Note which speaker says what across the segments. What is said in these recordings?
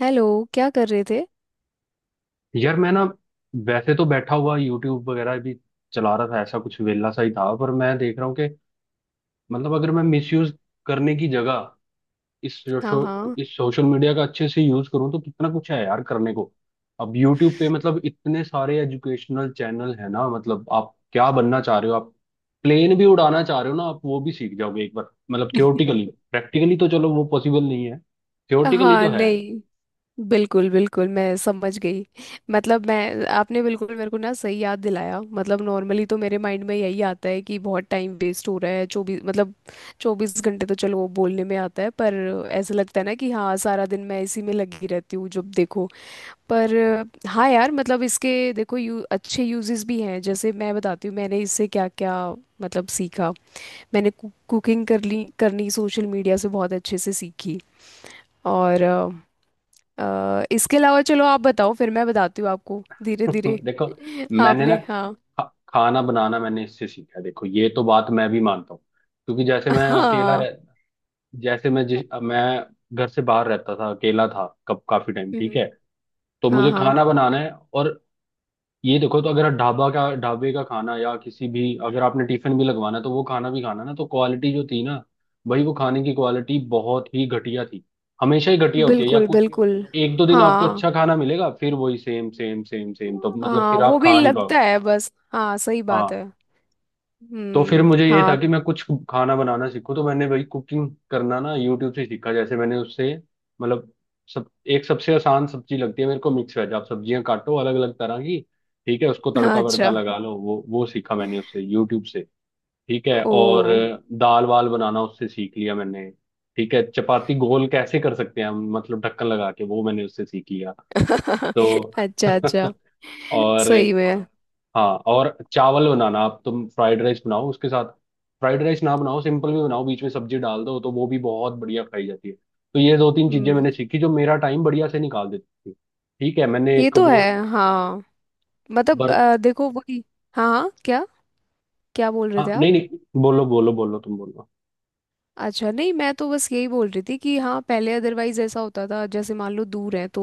Speaker 1: Hello. क्या कर रहे थे?
Speaker 2: यार मैं ना, वैसे तो बैठा हुआ यूट्यूब वगैरह भी चला रहा था, ऐसा कुछ वेला सा ही था। पर मैं देख रहा हूँ कि मतलब अगर मैं मिसयूज करने की जगह इस
Speaker 1: हाँ,
Speaker 2: शो,
Speaker 1: हाँ।
Speaker 2: इस सोशल मीडिया का अच्छे से यूज करूँ तो कितना कुछ है यार करने को। अब यूट्यूब पे मतलब इतने सारे एजुकेशनल चैनल है ना। मतलब आप क्या बनना चाह रहे हो? आप प्लेन भी उड़ाना चाह रहे हो ना, आप वो भी सीख जाओगे एक बार, मतलब थियोटिकली। प्रैक्टिकली तो चलो वो पॉसिबल नहीं है, थियोटिकली
Speaker 1: हाँ,
Speaker 2: तो है।
Speaker 1: नहीं, बिल्कुल बिल्कुल, मैं समझ गई। मतलब मैं आपने बिल्कुल मेरे को ना सही याद दिलाया। मतलब नॉर्मली तो मेरे माइंड में यही आता है कि बहुत टाइम वेस्ट हो रहा है। चौबीस, मतलब 24 घंटे तो चलो वो बोलने में आता है, पर ऐसा लगता है ना कि हाँ, सारा दिन मैं इसी में लगी रहती हूँ जब देखो। पर हाँ यार, मतलब इसके, देखो यू अच्छे यूजेस भी हैं। जैसे मैं बताती हूँ मैंने इससे क्या क्या मतलब सीखा। मैंने कुकिंग कर ली करनी, सोशल मीडिया से बहुत अच्छे से सीखी। और इसके अलावा चलो आप बताओ, फिर मैं बताती हूँ आपको धीरे धीरे।
Speaker 2: देखो, मैंने ना
Speaker 1: आपने हाँ।
Speaker 2: खाना बनाना मैंने इससे सीखा है। देखो ये तो बात मैं भी मानता हूँ, क्योंकि जैसे मैं अकेला
Speaker 1: हाँ।
Speaker 2: रह जैसे मैं जिस मैं घर से बाहर रहता था, अकेला था कब, काफी टाइम, ठीक
Speaker 1: हम्म।
Speaker 2: है। तो
Speaker 1: हाँ,
Speaker 2: मुझे
Speaker 1: हाँ,
Speaker 2: खाना बनाना है। और ये देखो, तो अगर आप ढाबा का ढाबे का खाना या किसी भी, अगर आपने टिफिन भी लगवाना है, तो वो खाना भी, खाना ना, तो क्वालिटी जो थी ना, भाई वो खाने की क्वालिटी बहुत ही घटिया थी। हमेशा ही घटिया होती है, या
Speaker 1: बिल्कुल, सोशल मीडिया,
Speaker 2: कुछ
Speaker 1: बिल्कुल।
Speaker 2: एक दो दिन आपको
Speaker 1: हाँ
Speaker 2: अच्छा खाना मिलेगा, फिर वही सेम सेम सेम सेम, तो मतलब
Speaker 1: हाँ,
Speaker 2: फिर
Speaker 1: वो
Speaker 2: आप
Speaker 1: भी
Speaker 2: खा नहीं
Speaker 1: लगता है। बस हाँ, सही बात
Speaker 2: पाओ।
Speaker 1: है।
Speaker 2: तो फिर
Speaker 1: हम्म।
Speaker 2: मुझे ये था
Speaker 1: हाँ।
Speaker 2: कि मैं कुछ खाना बनाना सीखूं, तो मैंने वही कुकिंग करना ना यूट्यूब से सीखा। जैसे मैंने उससे मतलब सब, एक सबसे आसान सब्जी लगती है मेरे को मिक्स वेज। आप सब्जियां काटो अलग अलग तरह की, ठीक है, उसको
Speaker 1: हाँ,
Speaker 2: तड़का वड़का
Speaker 1: अच्छा।
Speaker 2: लगा लो, वो सीखा मैंने उससे यूट्यूब से। ठीक है,
Speaker 1: ओ।
Speaker 2: और दाल वाल बनाना उससे सीख लिया मैंने। ठीक है, चपाती गोल कैसे कर सकते हैं हम, मतलब ढक्कन लगा के, वो मैंने उससे सीख लिया। तो
Speaker 1: अच्छा, अच्छा।
Speaker 2: और
Speaker 1: सही में।
Speaker 2: हाँ, और चावल बनाना, आप तुम फ्राइड राइस बनाओ उसके साथ। फ्राइड राइस ना बनाओ, सिंपल भी बनाओ, बीच में सब्जी डाल दो तो वो भी बहुत बढ़िया खाई जाती है। तो ये दो तीन चीजें
Speaker 1: हम्म।
Speaker 2: मैंने सीखी जो मेरा टाइम बढ़िया से निकाल देती थी। ठीक है, मैंने
Speaker 1: ये
Speaker 2: एक
Speaker 1: तो है।
Speaker 2: वो
Speaker 1: हाँ, मतलब
Speaker 2: बर्त,
Speaker 1: देखो वही। हाँ, हाँ, क्या? क्या बोल रहे थे
Speaker 2: हाँ,
Speaker 1: आप?
Speaker 2: नहीं नहीं, बोलो बोलो बोलो, तुम बोलो।
Speaker 1: अच्छा, नहीं मैं तो बस यही बोल रही थी कि हाँ, पहले अदरवाइज ऐसा होता था, जैसे मान लो दूर है तो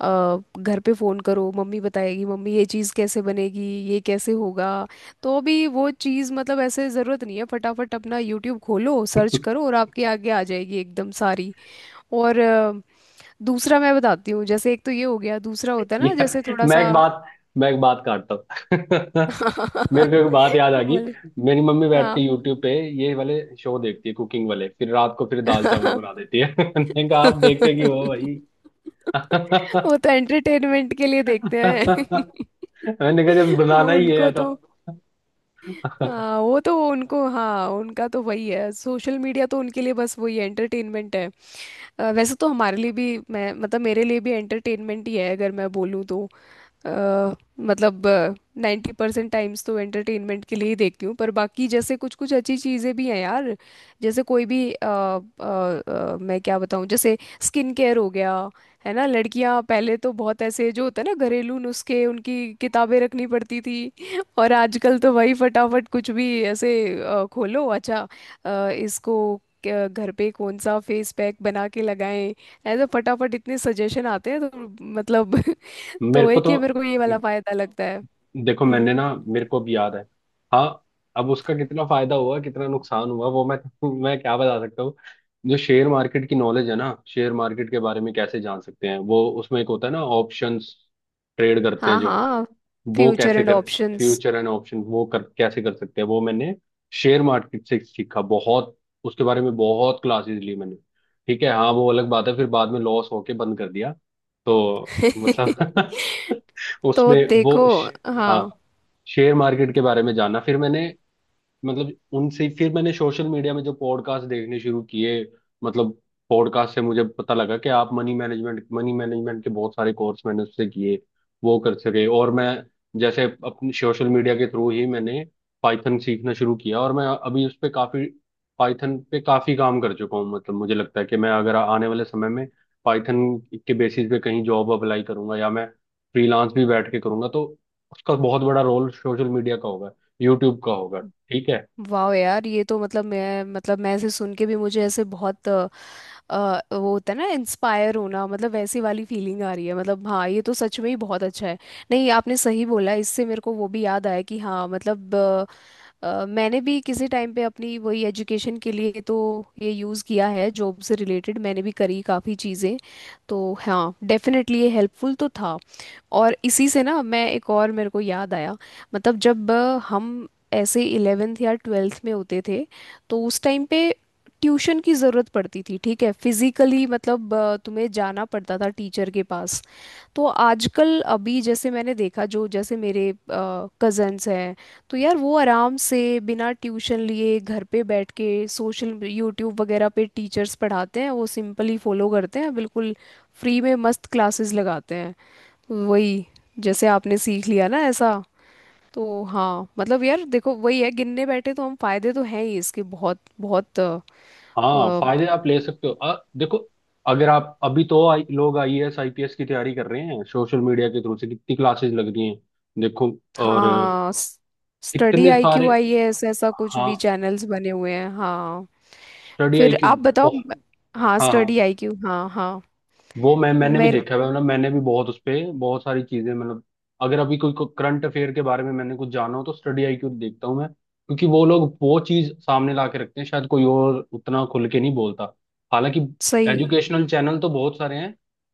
Speaker 1: घर पे फ़ोन करो, मम्मी बताएगी, मम्मी ये चीज़ कैसे बनेगी, ये कैसे होगा। तो अभी वो चीज़ मतलब ऐसे ज़रूरत नहीं है, फटाफट अपना यूट्यूब खोलो, सर्च करो और आपके आगे आ जाएगी एकदम सारी। और दूसरा मैं बताती हूँ। जैसे एक तो ये हो गया, दूसरा होता है ना, जैसे
Speaker 2: यार
Speaker 1: थोड़ा
Speaker 2: मैं
Speaker 1: सा
Speaker 2: एक बात मैं एक बात काटता हूँ। मेरे को एक बात याद आ गई।
Speaker 1: बोल।
Speaker 2: मेरी मम्मी बैठ के
Speaker 1: हाँ,
Speaker 2: यूट्यूब पे ये वाले शो देखती है कुकिंग वाले, फिर रात को फिर दाल चावल बना देती है। मैंने कहा आप देखते क्यों हो भाई।
Speaker 1: वो तो एंटरटेनमेंट के लिए देखते हैं।
Speaker 2: मैंने कहा जब
Speaker 1: वो
Speaker 2: बनाना ही
Speaker 1: उनको
Speaker 2: है तो।
Speaker 1: तो, हाँ, वो तो उनको, हाँ, उनका तो वही है। सोशल मीडिया तो उनके लिए बस वही एंटरटेनमेंट है। entertainment है। वैसे तो हमारे लिए भी मैं, मतलब मेरे लिए भी एंटरटेनमेंट ही है अगर मैं बोलूँ तो। अ, मतलब 90% टाइम्स तो एंटरटेनमेंट के लिए ही देखती हूँ, पर बाकी जैसे कुछ कुछ अच्छी चीज़ें भी हैं यार। जैसे कोई भी मैं क्या बताऊँ, जैसे स्किन केयर हो गया। है ना, लड़कियाँ पहले तो बहुत ऐसे, जो होता है ना, घरेलू नुस्खे, उनकी किताबें रखनी पड़ती थी। और आजकल तो वही फटाफट कुछ भी ऐसे खोलो अच्छा। इसको घर पे कौन सा फेस पैक बना के लगाएं, ऐसे फटाफट इतने सजेशन आते हैं तो मतलब।
Speaker 2: मेरे
Speaker 1: तो
Speaker 2: को
Speaker 1: एक
Speaker 2: तो,
Speaker 1: ये, मेरे को ये वाला फायदा लगता है।
Speaker 2: देखो
Speaker 1: हम्म।
Speaker 2: मैंने ना, मेरे को भी याद है। हाँ, अब उसका कितना फायदा हुआ कितना नुकसान हुआ वो मैं, मैं क्या बता सकता हूँ। जो शेयर मार्केट की नॉलेज है ना, शेयर मार्केट के बारे में कैसे जान सकते हैं, वो उसमें एक होता है ना ऑप्शंस, ट्रेड करते हैं
Speaker 1: हाँ।
Speaker 2: जो,
Speaker 1: हाँ।
Speaker 2: वो
Speaker 1: फ्यूचर
Speaker 2: कैसे
Speaker 1: एंड
Speaker 2: कर,
Speaker 1: ऑप्शंस।
Speaker 2: फ्यूचर एंड ऑप्शन वो कर कैसे कर सकते हैं। वो मैंने शेयर मार्केट से सीखा बहुत, उसके बारे में बहुत क्लासेस ली मैंने, ठीक है। हाँ वो अलग बात है, फिर बाद में लॉस होके बंद कर दिया। तो मतलब
Speaker 1: तो
Speaker 2: उसमें
Speaker 1: देखो।
Speaker 2: वो
Speaker 1: हाँ।
Speaker 2: हाँ, शेयर मार्केट के बारे में जाना फिर मैंने। मतलब उनसे फिर मैंने सोशल मीडिया में जो पॉडकास्ट देखने शुरू किए। मतलब पॉडकास्ट से मुझे पता लगा कि आप मनी मैनेजमेंट के बहुत सारे कोर्स मैंने उससे किए, वो कर सके। और मैं जैसे अपने सोशल मीडिया के थ्रू ही मैंने पाइथन सीखना शुरू किया, और मैं अभी उस पे काफी, पाइथन पे काफी काम कर चुका हूँ। मतलब मुझे लगता है कि मैं अगर आने वाले समय में पाइथन के बेसिस पे कहीं जॉब अप्लाई करूंगा या मैं फ्रीलांस भी बैठ के करूंगा तो उसका बहुत बड़ा रोल सोशल मीडिया का होगा, यूट्यूब का होगा, ठीक है।
Speaker 1: वाह यार, ये तो मतलब मैं ऐसे सुन के भी मुझे ऐसे बहुत वो होता है ना इंस्पायर होना, मतलब वैसी वाली फीलिंग आ रही है। मतलब हाँ, ये तो सच में ही बहुत अच्छा है। नहीं, आपने सही बोला, इससे मेरे को वो भी याद आया कि हाँ, मतलब मैंने भी किसी टाइम पे अपनी वही एजुकेशन के लिए तो ये यूज़ किया है। जॉब से रिलेटेड मैंने भी करी काफ़ी चीज़ें। तो हाँ, डेफिनेटली ये हेल्पफुल तो था। और इसी से ना मैं एक और, मेरे को याद आया, मतलब जब हम ऐसे 11th या 12th में होते थे, तो उस टाइम पे ट्यूशन की ज़रूरत पड़ती थी। ठीक है, फिजिकली मतलब तुम्हें जाना पड़ता था टीचर के पास। तो आजकल अभी जैसे मैंने देखा, जो जैसे मेरे कजन्स हैं, तो यार वो आराम से बिना ट्यूशन लिए घर पे बैठ के सोशल यूट्यूब वगैरह पे टीचर्स पढ़ाते हैं, वो सिंपली फॉलो करते हैं, बिल्कुल फ्री में मस्त क्लासेस लगाते हैं। वही जैसे आपने सीख लिया ना ऐसा। तो हाँ, मतलब यार देखो वही है, गिनने बैठे तो हम, फायदे तो हैं ही इसके बहुत बहुत।
Speaker 2: हाँ,
Speaker 1: अ,
Speaker 2: फायदे आप ले सकते हो, देखो। अगर आप, अभी तो लोग आईएएस आईपीएस की तैयारी कर रहे हैं सोशल मीडिया के थ्रू से, कितनी क्लासेस लग रही हैं। देखो, और
Speaker 1: हाँ, स्टडी
Speaker 2: कितने
Speaker 1: आईक्यू,
Speaker 2: सारे,
Speaker 1: आईएएस, ऐसा कुछ भी
Speaker 2: हाँ
Speaker 1: चैनल्स बने हुए हैं, हाँ।
Speaker 2: स्टडी
Speaker 1: फिर
Speaker 2: आईक्यू,
Speaker 1: आप बताओ।
Speaker 2: हाँ
Speaker 1: हाँ,
Speaker 2: हाँ।
Speaker 1: स्टडी आईक्यू, हाँ, हाँ।
Speaker 2: वो मैं मैंने भी
Speaker 1: मेरे,
Speaker 2: देखा है, मतलब मैंने भी बहुत उस पे बहुत सारी चीजें, मतलब अगर अभी कोई करंट अफेयर के बारे में मैंने कुछ जाना हो तो स्टडी आईक्यू देखता हूँ मैं, क्योंकि वो लोग वो चीज सामने ला के रखते हैं, शायद कोई और उतना खुल के नहीं बोलता। हालांकि
Speaker 1: सही
Speaker 2: एजुकेशनल चैनल तो बहुत सारे हैं,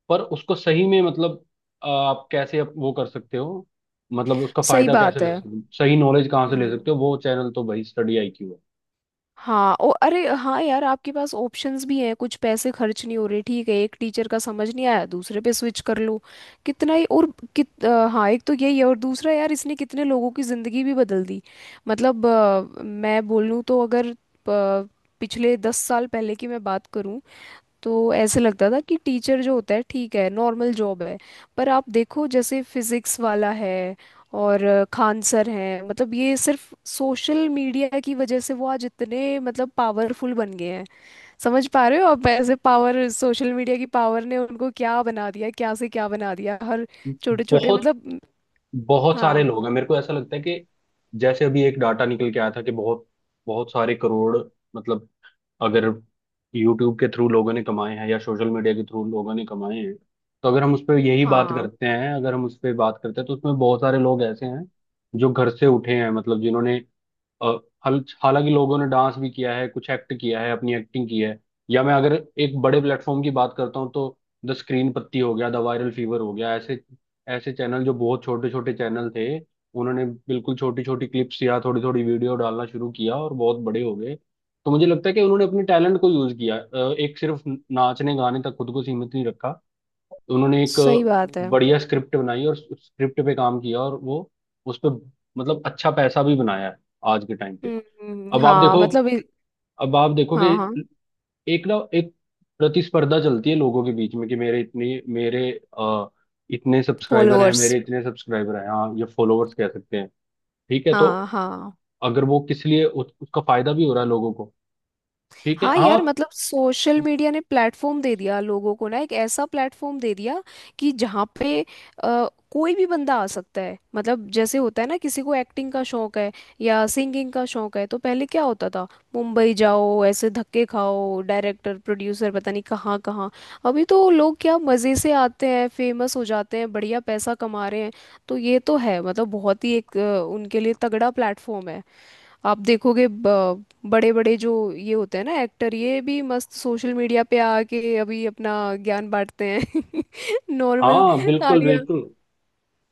Speaker 2: पर उसको सही में मतलब आप कैसे अप-, वो कर सकते हो, मतलब उसका
Speaker 1: सही
Speaker 2: फायदा कैसे
Speaker 1: बात
Speaker 2: ले
Speaker 1: है।
Speaker 2: सकते हो, सही नॉलेज कहाँ से ले
Speaker 1: हम्म।
Speaker 2: सकते हो, वो चैनल तो भाई स्टडी आईक्यू है।
Speaker 1: हाँ। ओ, अरे हाँ यार, आपके पास ऑप्शंस भी हैं, कुछ पैसे खर्च नहीं हो रहे, ठीक है, एक टीचर का समझ नहीं आया दूसरे पे स्विच कर लो, कितना ही और हाँ। एक तो यही है, और दूसरा यार इसने कितने लोगों की ज़िंदगी भी बदल दी। मतलब मैं बोलूँ तो, अगर पिछले 10 साल पहले की मैं बात करूँ, तो ऐसे लगता था कि टीचर जो होता है, ठीक है, नॉर्मल जॉब है। पर आप देखो, जैसे फिजिक्स वाला है और खान सर हैं, मतलब ये सिर्फ सोशल मीडिया की वजह से वो आज इतने, मतलब पावरफुल बन गए हैं। समझ पा रहे हो आप ऐसे? पावर, सोशल मीडिया की पावर ने उनको क्या बना दिया, क्या से क्या बना दिया, हर छोटे छोटे
Speaker 2: बहुत,
Speaker 1: मतलब।
Speaker 2: बहुत सारे
Speaker 1: हाँ,
Speaker 2: लोग हैं, मेरे को ऐसा लगता है कि जैसे अभी एक डाटा निकल के आया था कि बहुत, बहुत सारे करोड़ मतलब, अगर यूट्यूब के थ्रू लोगों ने कमाए हैं या सोशल मीडिया के थ्रू लोगों ने कमाए हैं। तो अगर हम उस पर यही बात
Speaker 1: हाँ,
Speaker 2: करते हैं, अगर हम उस पर बात करते हैं तो उसमें बहुत सारे लोग ऐसे हैं जो घर से उठे हैं, मतलब जिन्होंने अ, हालांकि लोगों ने डांस भी किया है, कुछ एक्ट किया है, अपनी एक्टिंग की है। या मैं अगर एक बड़े प्लेटफॉर्म की बात करता हूँ तो द स्क्रीन पत्ती हो गया, द वायरल फीवर हो गया। ऐसे ऐसे चैनल जो बहुत छोटे छोटे चैनल थे, उन्होंने बिल्कुल छोटी छोटी क्लिप्स या थोड़ी थोड़ी वीडियो डालना शुरू किया और बहुत बड़े हो गए। तो मुझे लगता है कि उन्होंने अपने टैलेंट को यूज किया, एक, सिर्फ नाचने गाने तक खुद को सीमित नहीं रखा, उन्होंने एक
Speaker 1: सही बात है।
Speaker 2: बढ़िया स्क्रिप्ट बनाई और उस स्क्रिप्ट पे काम किया, और वो उस पे मतलब अच्छा पैसा भी बनाया है आज के टाइम पे।
Speaker 1: हम्म। हम्म।
Speaker 2: अब आप
Speaker 1: हाँ,
Speaker 2: देखो,
Speaker 1: मतलब
Speaker 2: अब आप देखो
Speaker 1: हाँ।
Speaker 2: कि
Speaker 1: हाँ।
Speaker 2: एक ना एक प्रतिस्पर्धा चलती है लोगों के बीच में, कि मेरे इतने, मेरे आ, इतने सब्सक्राइबर हैं,
Speaker 1: फॉलोअर्स।
Speaker 2: मेरे इतने सब्सक्राइबर हैं। हाँ ये फॉलोअर्स कह सकते हैं, ठीक है। तो
Speaker 1: हाँ, हाँ।
Speaker 2: अगर वो किस लिए उस, उसका फायदा भी हो रहा है लोगों को, ठीक है,
Speaker 1: हाँ
Speaker 2: हाँ।
Speaker 1: यार, मतलब सोशल मीडिया ने प्लेटफॉर्म दे दिया लोगों को ना, एक ऐसा प्लेटफॉर्म दे दिया कि जहाँ पे कोई भी बंदा आ सकता है। मतलब जैसे होता है ना, किसी को एक्टिंग का शौक है या सिंगिंग का शौक है, तो पहले क्या होता था? मुंबई जाओ, ऐसे धक्के खाओ, डायरेक्टर प्रोड्यूसर पता नहीं कहाँ कहाँ। अभी तो लोग क्या मज़े से आते हैं, फेमस हो जाते हैं, बढ़िया पैसा कमा रहे हैं। तो ये तो है, मतलब बहुत ही एक उनके लिए तगड़ा प्लेटफॉर्म है। आप देखोगे, बड़े बड़े जो ये होते हैं ना एक्टर, ये भी मस्त सोशल मीडिया पे आके अभी अपना ज्ञान बांटते हैं। नॉर्मल।
Speaker 2: हाँ बिल्कुल
Speaker 1: आलिया।
Speaker 2: बिल्कुल,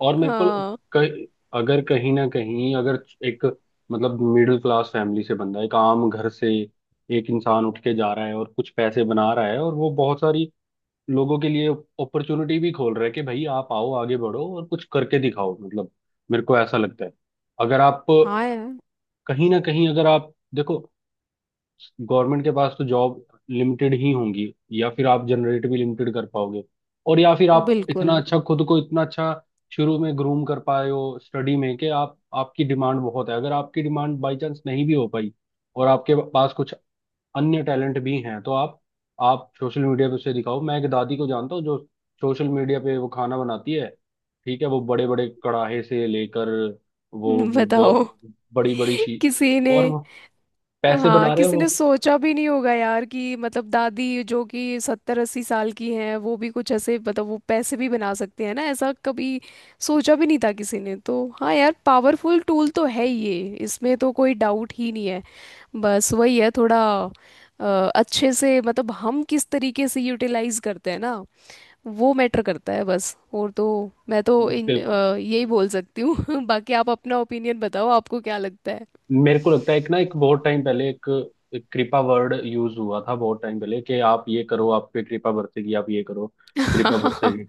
Speaker 2: और मेरे को
Speaker 1: हाँ,
Speaker 2: कहीं, अगर कहीं ना कहीं अगर एक, मतलब मिडिल क्लास फैमिली से बंदा, एक आम घर से एक इंसान उठ के जा रहा है और कुछ पैसे बना रहा है और वो बहुत सारी लोगों के लिए अपॉर्चुनिटी भी खोल रहा है कि भाई आप आओ आगे बढ़ो और कुछ करके दिखाओ, मतलब मेरे को ऐसा लगता है। अगर आप
Speaker 1: हाँ यार,
Speaker 2: कहीं ना कहीं, अगर आप देखो, गवर्नमेंट के पास तो जॉब लिमिटेड ही होंगी, या फिर आप जनरेट भी लिमिटेड कर पाओगे। और या फिर आप
Speaker 1: बिल्कुल।
Speaker 2: इतना अच्छा, खुद को इतना अच्छा शुरू में ग्रूम कर पाए हो स्टडी में कि आप, आपकी डिमांड बहुत है। अगर आपकी डिमांड बाई चांस नहीं भी हो पाई और आपके पास कुछ अन्य टैलेंट भी हैं तो आप सोशल मीडिया पे उसे दिखाओ। मैं एक दादी को जानता हूँ जो सोशल मीडिया पे वो खाना बनाती है, ठीक है, वो बड़े बड़े कड़ाहे से लेकर, वो
Speaker 1: बताओ,
Speaker 2: बहुत बड़ी बड़ी शी,
Speaker 1: किसी ने।
Speaker 2: और वो पैसे
Speaker 1: हाँ,
Speaker 2: बना रहे हैं
Speaker 1: किसी ने
Speaker 2: वो।
Speaker 1: सोचा भी नहीं होगा यार कि मतलब दादी जो कि 70-80 साल की हैं, वो भी कुछ ऐसे मतलब वो पैसे भी बना सकते हैं ना, ऐसा कभी सोचा भी नहीं था किसी ने। तो हाँ यार, पावरफुल टूल तो है ये, इसमें तो कोई डाउट ही नहीं है। बस वही है थोड़ा अच्छे से, मतलब हम किस तरीके से यूटिलाइज करते हैं ना, वो मैटर करता है बस। और तो मैं तो
Speaker 2: बिल्कुल,
Speaker 1: यही बोल सकती हूँ। बाकी आप अपना ओपिनियन बताओ, आपको क्या लगता है।
Speaker 2: मेरे को लगता है एक ना एक बहुत टाइम पहले एक, एक कृपा वर्ड यूज हुआ था बहुत टाइम पहले, कि आप ये करो आप पे कृपा बरसेगी, आप ये करो कृपा
Speaker 1: हाँ,
Speaker 2: बरसेगी।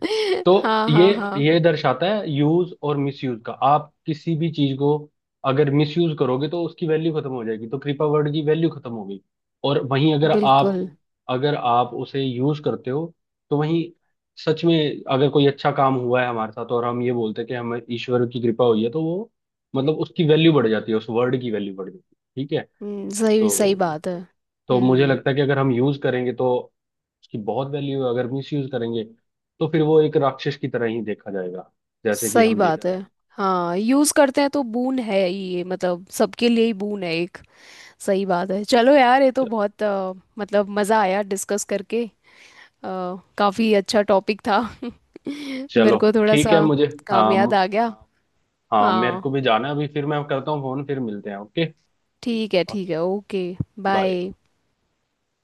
Speaker 2: तो
Speaker 1: हाँ,
Speaker 2: ये
Speaker 1: हाँ, हाँ,
Speaker 2: ये दर्शाता है यूज और मिसयूज का, आप किसी भी चीज को अगर मिसयूज करोगे तो उसकी वैल्यू खत्म हो जाएगी। तो कृपा वर्ड की वैल्यू खत्म हो गई। और वहीं अगर आप,
Speaker 1: बिल्कुल।
Speaker 2: अगर आप उसे यूज करते हो तो वहीं, सच में अगर कोई अच्छा काम हुआ है हमारे साथ और हम ये बोलते हैं कि हमें ईश्वर की कृपा हुई है, तो वो मतलब उसकी वैल्यू बढ़ जाती है, उस वर्ड की वैल्यू बढ़ जाती है, ठीक है।
Speaker 1: सही सही
Speaker 2: तो
Speaker 1: बात है।
Speaker 2: तो मुझे
Speaker 1: हम्म।
Speaker 2: लगता है कि अगर हम यूज करेंगे तो उसकी बहुत वैल्यू है, अगर मिस यूज करेंगे तो फिर वो एक राक्षस की तरह ही देखा जाएगा, जैसे कि
Speaker 1: सही
Speaker 2: हम
Speaker 1: बात
Speaker 2: देखते
Speaker 1: है।
Speaker 2: हैं।
Speaker 1: हाँ, यूज करते हैं तो बून है ही ये, मतलब सबके लिए ही बून है एक। सही बात है। चलो यार, ये तो
Speaker 2: च-
Speaker 1: बहुत मतलब मजा आया डिस्कस करके। अ, काफी अच्छा टॉपिक था। मेरे
Speaker 2: चलो
Speaker 1: को थोड़ा
Speaker 2: ठीक है
Speaker 1: सा
Speaker 2: मुझे,
Speaker 1: काम याद
Speaker 2: हाँ
Speaker 1: आ गया।
Speaker 2: हाँ, मेरे
Speaker 1: हाँ,
Speaker 2: को भी जाना है, अभी फिर मैं करता हूँ फोन, फिर मिलते हैं, ओके।
Speaker 1: ठीक है, ठीक
Speaker 2: ओके,
Speaker 1: है, ओके।
Speaker 2: बाय।
Speaker 1: बाय।